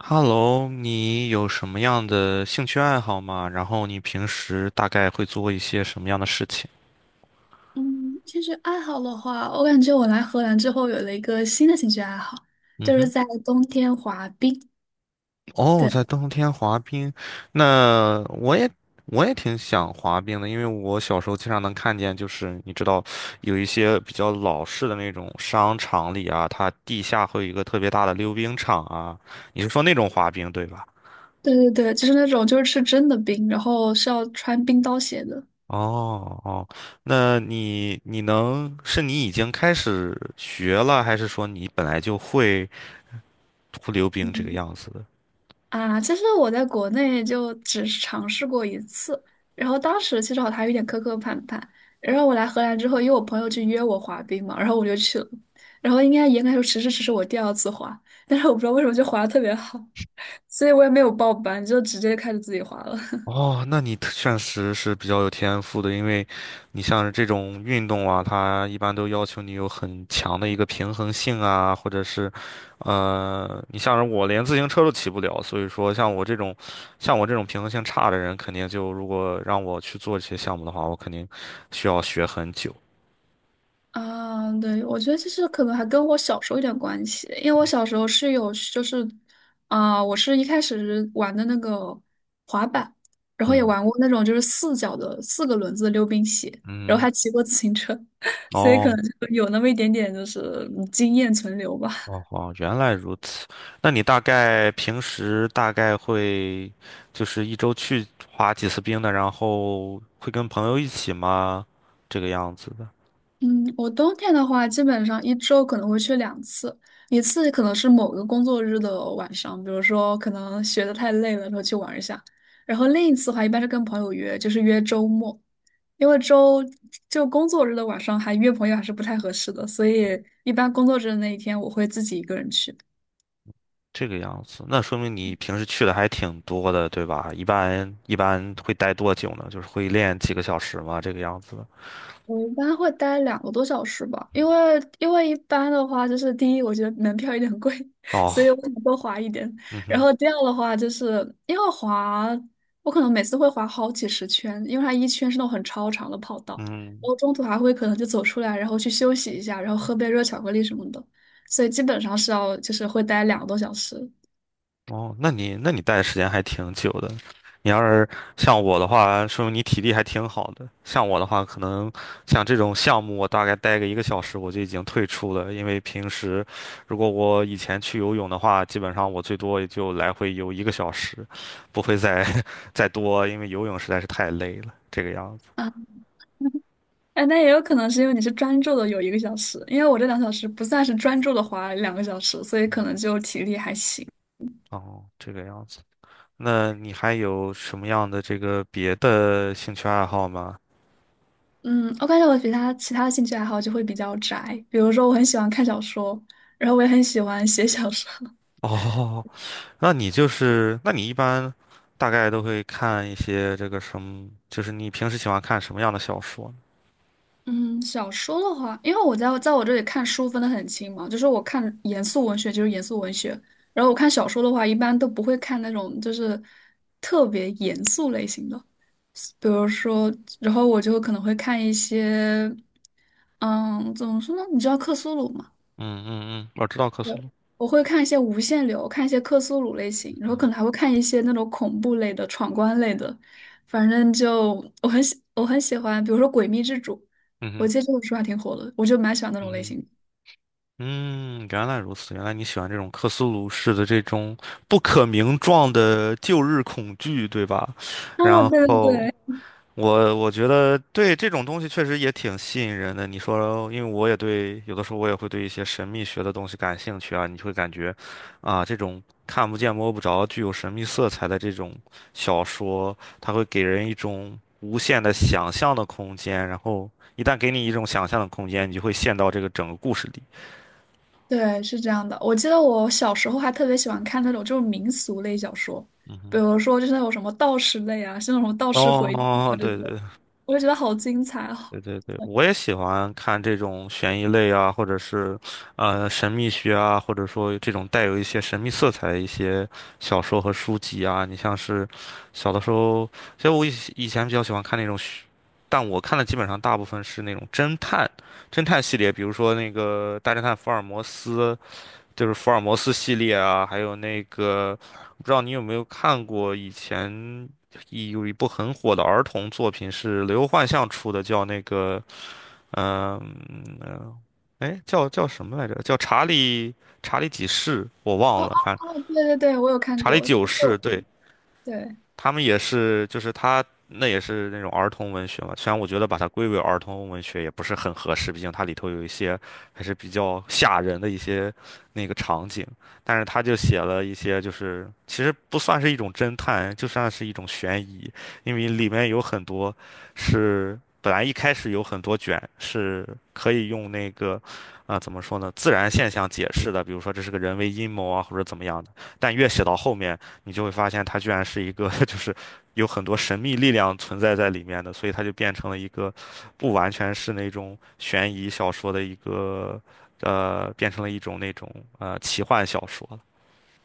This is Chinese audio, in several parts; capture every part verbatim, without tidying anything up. Hello，你有什么样的兴趣爱好吗？然后你平时大概会做一些什么样的事情？嗯，兴趣爱好的话，我感觉我来荷兰之后有了一个新的兴趣爱好，嗯就是哼，在冬天滑冰。哦，对，在冬天滑冰，那我也我也挺想滑冰的，因为我小时候经常能看见，就是你知道，有一些比较老式的那种商场里啊，它地下会有一个特别大的溜冰场啊，你是说那种滑冰对吧？对对对，就是那种就是吃真的冰，然后是要穿冰刀鞋的。哦哦，那你你能是你已经开始学了，还是说你本来就会会溜冰这个嗯样子的？啊，其实我在国内就只是尝试过一次，然后当时其实我还有点磕磕绊绊。然后我来荷兰之后，因为我朋友去约我滑冰嘛，然后我就去了。然后应该严格来说，其实只是我第二次滑，但是我不知道为什么就滑的特别好，所以我也没有报班，就直接开始自己滑了。哦，那你特确实是比较有天赋的，因为你像是这种运动啊，它一般都要求你有很强的一个平衡性啊，或者是，呃，你像是我连自行车都骑不了，所以说像我这种，像我这种平衡性差的人，肯定就如果让我去做这些项目的话，我肯定需要学很久。啊，对，我觉得其实可能还跟我小时候有点关系，因为我小时候是有，就是啊、我是一开始玩的那个滑板，然后也嗯玩过那种就是四脚的四个轮子的溜冰鞋，然后嗯。还骑过自行车，所以可哦，能就有那么一点点就是嗯经验存留吧。哦哦，原来如此。那你大概平时大概会就是一周去滑几次冰的，然后会跟朋友一起吗？这个样子的，嗯，我冬天的话，基本上一周可能会去两次，一次可能是某个工作日的晚上，比如说可能学的太累了，然后去玩一下。然后另一次的话，一般是跟朋友约，就是约周末，因为周就工作日的晚上还约朋友还是不太合适的，所以一般工作日的那一天我会自己一个人去。这个样子，那说明你平时去的还挺多的，对吧？一般一般会待多久呢？就是会练几个小时吗？这个样子的。我一般会待两个多小时吧，因为因为一般的话，就是第一，我觉得门票有点贵，所哦，以我想多滑一点。嗯然哼，后第二的话，就是因为滑，我可能每次会滑好几十圈，因为它一圈是那种很超长的跑道，然嗯。后中途还会可能就走出来，然后去休息一下，然后喝杯热巧克力什么的，所以基本上是要就是会待两个多小时。哦，那你那你待的时间还挺久的。你要是像我的话，说明你体力还挺好的。像我的话，可能像这种项目，我大概待个一个小时我就已经退出了，因为平时如果我以前去游泳的话，基本上我最多也就来回游一个小时，不会再 再多，因为游泳实在是太累了，这个样子。啊。哎，那也有可能是因为你是专注的有一个小时，因为我这两小时不算是专注的滑两个小时，所以可能就体力还行。哦，这个样子。那你还有什么样的这个别的兴趣爱好吗？嗯，我感觉我比他其他的兴趣爱好就会比较宅，比如说我很喜欢看小说，然后我也很喜欢写小说。哦，那你就是，那你一般大概都会看一些这个什么，就是你平时喜欢看什么样的小说呢？嗯，小说的话，因为我在在我这里看书分的很清嘛，就是我看严肃文学就是严肃文学，然后我看小说的话，一般都不会看那种就是特别严肃类型的，比如说，然后我就可能会看一些，嗯，怎么说呢？你知道克苏鲁吗？嗯嗯嗯，我知道克苏鲁。我会看一些无限流，看一些克苏鲁类型，然后可嗯能还会看一些那种恐怖类的、闯关类的。反正就我很喜我很喜欢，比如说《诡秘之主》，我嗯记得这本书还挺火的，我就蛮喜欢那种类嗯哼，型的。嗯，原来如此，原来你喜欢这种克苏鲁式的这种不可名状的旧日恐惧，对吧？啊，然对对后，对，我我觉得对这种东西确实也挺吸引人的。你说，因为我也对，有的时候我也会对一些神秘学的东西感兴趣啊，你会感觉，啊，这种看不见摸不着、具有神秘色彩的这种小说，它会给人一种无限的想象的空间。然后一旦给你一种想象的空间，你就会陷到这个整个故事里。对，是这样的。我记得我小时候还特别喜欢看那种就是民俗类小说，比如说就是那种什么道士类啊，像那种什么道士回忆哦，啊这对种，对，我就觉得好精彩哦。对对对，我也喜欢看这种悬疑类啊，或者是，呃，神秘学啊，或者说这种带有一些神秘色彩的一些小说和书籍啊。你像是小的时候，其实我以以前比较喜欢看那种虚但我看的基本上大部分是那种侦探，侦探系列，比如说那个《大侦探福尔摩斯》就是福尔摩斯系列啊，还有那个，不知道你有没有看过以前一有一部很火的儿童作品是刘幻象出的，叫那个，嗯、呃，哎，叫叫什么来着？叫查理查理几世，我哦忘哦了，反正哦，对对对，我有看查理过，九就是世，我对。对。他们也是，就是他那也是那种儿童文学嘛。虽然我觉得把它归为儿童文学也不是很合适，毕竟它里头有一些还是比较吓人的一些那个场景，但是他就写了一些，就是其实不算是一种侦探，就算是一种悬疑，因为里面有很多是本来一开始有很多卷是可以用那个。啊，怎么说呢？自然现象解释的，比如说这是个人为阴谋啊，或者怎么样的。但越写到后面，你就会发现它居然是一个 就是有很多神秘力量存在在里面的，所以它就变成了一个不完全是那种悬疑小说的一个呃，变成了一种那种呃奇幻小说了。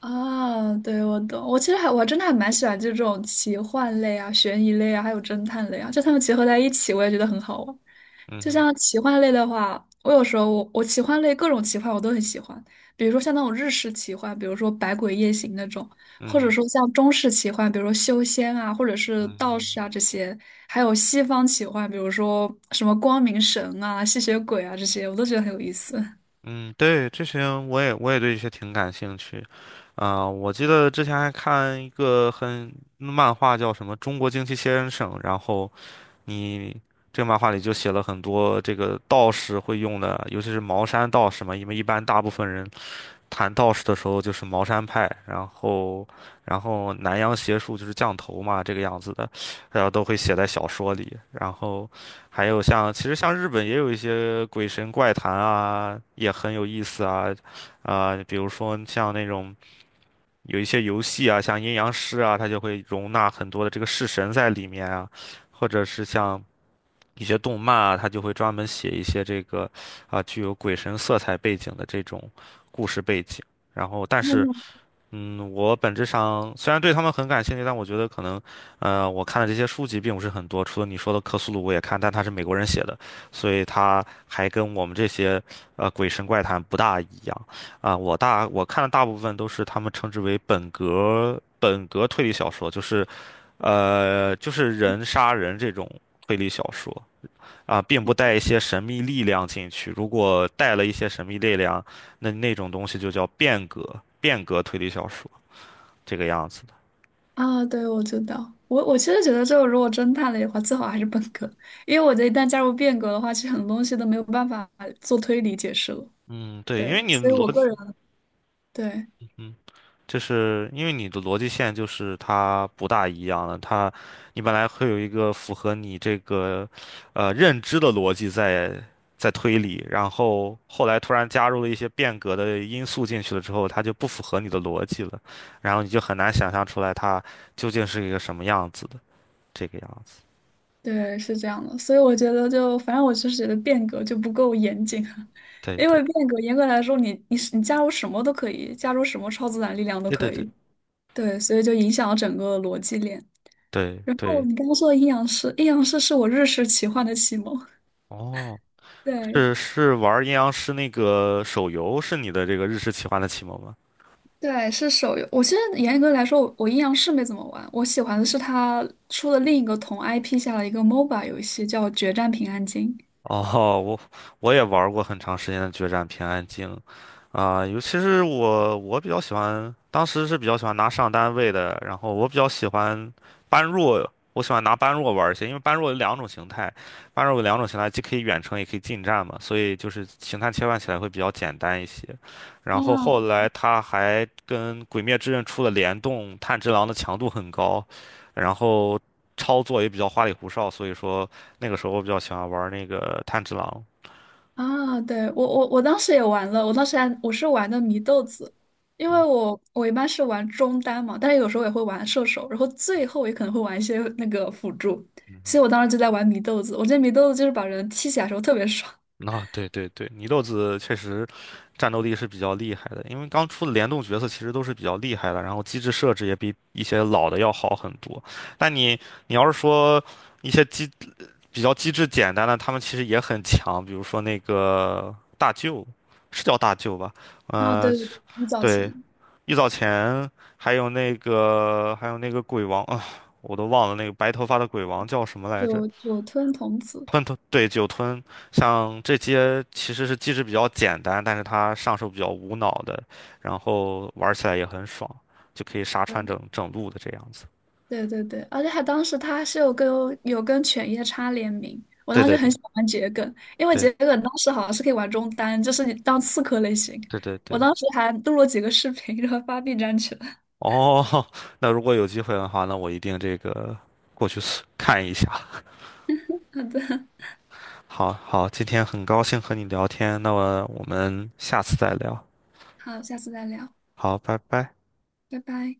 啊，对，我懂。我其实还我还真的还蛮喜欢这种奇幻类啊、悬疑类啊，还有侦探类啊，就它们结合在一起，我也觉得很好玩。嗯就哼，像奇幻类的话，我有时候我我奇幻类各种奇幻我都很喜欢，比如说像那种日式奇幻，比如说《百鬼夜行》那种，嗯或者哼，说像中式奇幻，比如说修仙啊，或者是嗯道士哼啊这些，还有西方奇幻，比如说什么光明神啊、吸血鬼啊这些，我都觉得很有意思。嗯，对，这些我也我也对这些挺感兴趣，啊、我记得之前还看一个很漫画叫什么《中国惊奇先生》，然后你这个漫画里就写了很多这个道士会用的，尤其是茅山道士嘛，因为一般大部分人谈道士的时候就是茅山派，然后然后南洋邪术就是降头嘛，这个样子的，然后都会写在小说里。然后还有像其实像日本也有一些鬼神怪谈啊，也很有意思啊，啊、比如说像那种。有一些游戏啊，像阴阳师啊，它就会容纳很多的这个式神在里面啊，或者是像一些动漫啊，他就会专门写一些这个啊具有鬼神色彩背景的这种故事背景。然后，但是，嗯，我本质上虽然对他们很感兴趣，但我觉得可能，呃，我看的这些书籍并不是很多。除了你说的《克苏鲁》，我也看，但它是美国人写的，所以它还跟我们这些呃鬼神怪谈不大一样。啊、我大我看的大部分都是他们称之为本格本格推理小说，就是，呃，就是人杀人这种推理小说。啊，并不带一些神秘力量进去。如果带了一些神秘力量，那那种东西就叫变革，变革推理小说这个样子的。啊，对，我知道。我我其实觉得，这个如果真判了的话，最好还是本科，因为我觉得一旦加入变革的话，其实很多东西都没有办法做推理解释了。嗯，对，因为对，你所以我逻，个人对嗯，就是因为你的逻辑线就是它不大一样了。它，你本来会有一个符合你这个，呃，认知的逻辑在在推理，然后后来突然加入了一些变革的因素进去了之后，它就不符合你的逻辑了，然后你就很难想象出来它究竟是一个什么样子的。这个样子。对是这样的，所以我觉得就反正我就是觉得变革就不够严谨啊，对因对为变革严格来说你，你是你加入什么都可以，加入什么超自然力量都对对可对以。对，所以就影响了整个逻辑链。对然后对，你刚刚说的阴阳师，阴阳师是我日式奇幻的启蒙。哦，对，是是玩阴阳师那个手游是你的这个日式奇幻的启蒙吗？对，是手游。我现在严格来说，我我阴阳师没怎么玩。我喜欢的是他出了另一个同 I P 下的一个 MOBA 游戏，叫《决战平安京》。哦，我我也玩过很长时间的决战平安京，啊、尤其是我我比较喜欢，当时是比较喜欢拿上单位的，然后我比较喜欢般若，我喜欢拿般若玩一些，因为般若有两种形态，般若有两种形态，既可以远程也可以近战嘛，所以就是形态切换起来会比较简单一些。然后啊，后来他还跟《鬼灭之刃》出了联动，炭治郎的强度很高，然后操作也比较花里胡哨，所以说。那个时候我比较喜欢玩那个炭治郎。啊，对，我我我当时也玩了，我当时还我是玩的祢豆子，因为嗯，我我一般是玩中单嘛，但是有时候也会玩射手，然后最后也可能会玩一些那个辅助，所以我当时就在玩祢豆子。我觉得祢豆子就是把人踢起来的时候特别爽。啊，对对对，祢豆子确实战斗力是比较厉害的，因为刚出的联动角色其实都是比较厉害的，然后机制设置也比一些老的要好很多。但你你要是说一些机比较机制简单的，他们其实也很强，比如说那个大舅，是叫大舅吧？啊，呃，对对对，很早对，前玉藻前，还有那个还有那个鬼王啊，我都忘了那个白头发的鬼王叫什么来着。九九吞童子。吞吞，对，酒吞，像这些其实是机制比较简单，但是它上手比较无脑的，然后玩起来也很爽，就可以杀穿整整路的这样子。对对对，而且还当时他是有跟有跟犬夜叉联名，我对当时对很对喜欢玩桔梗，因为桔对梗当时好像是可以玩中单，就是你当刺客类型。对对我对。当时还录了几个视频，然后发 B 站去了。哦，那如果有机会的话，那我一定这个过去 搜看一下。好的，好好，今天很高兴和你聊天，那么我们下次再聊。好，下次再聊，好，拜拜。拜拜。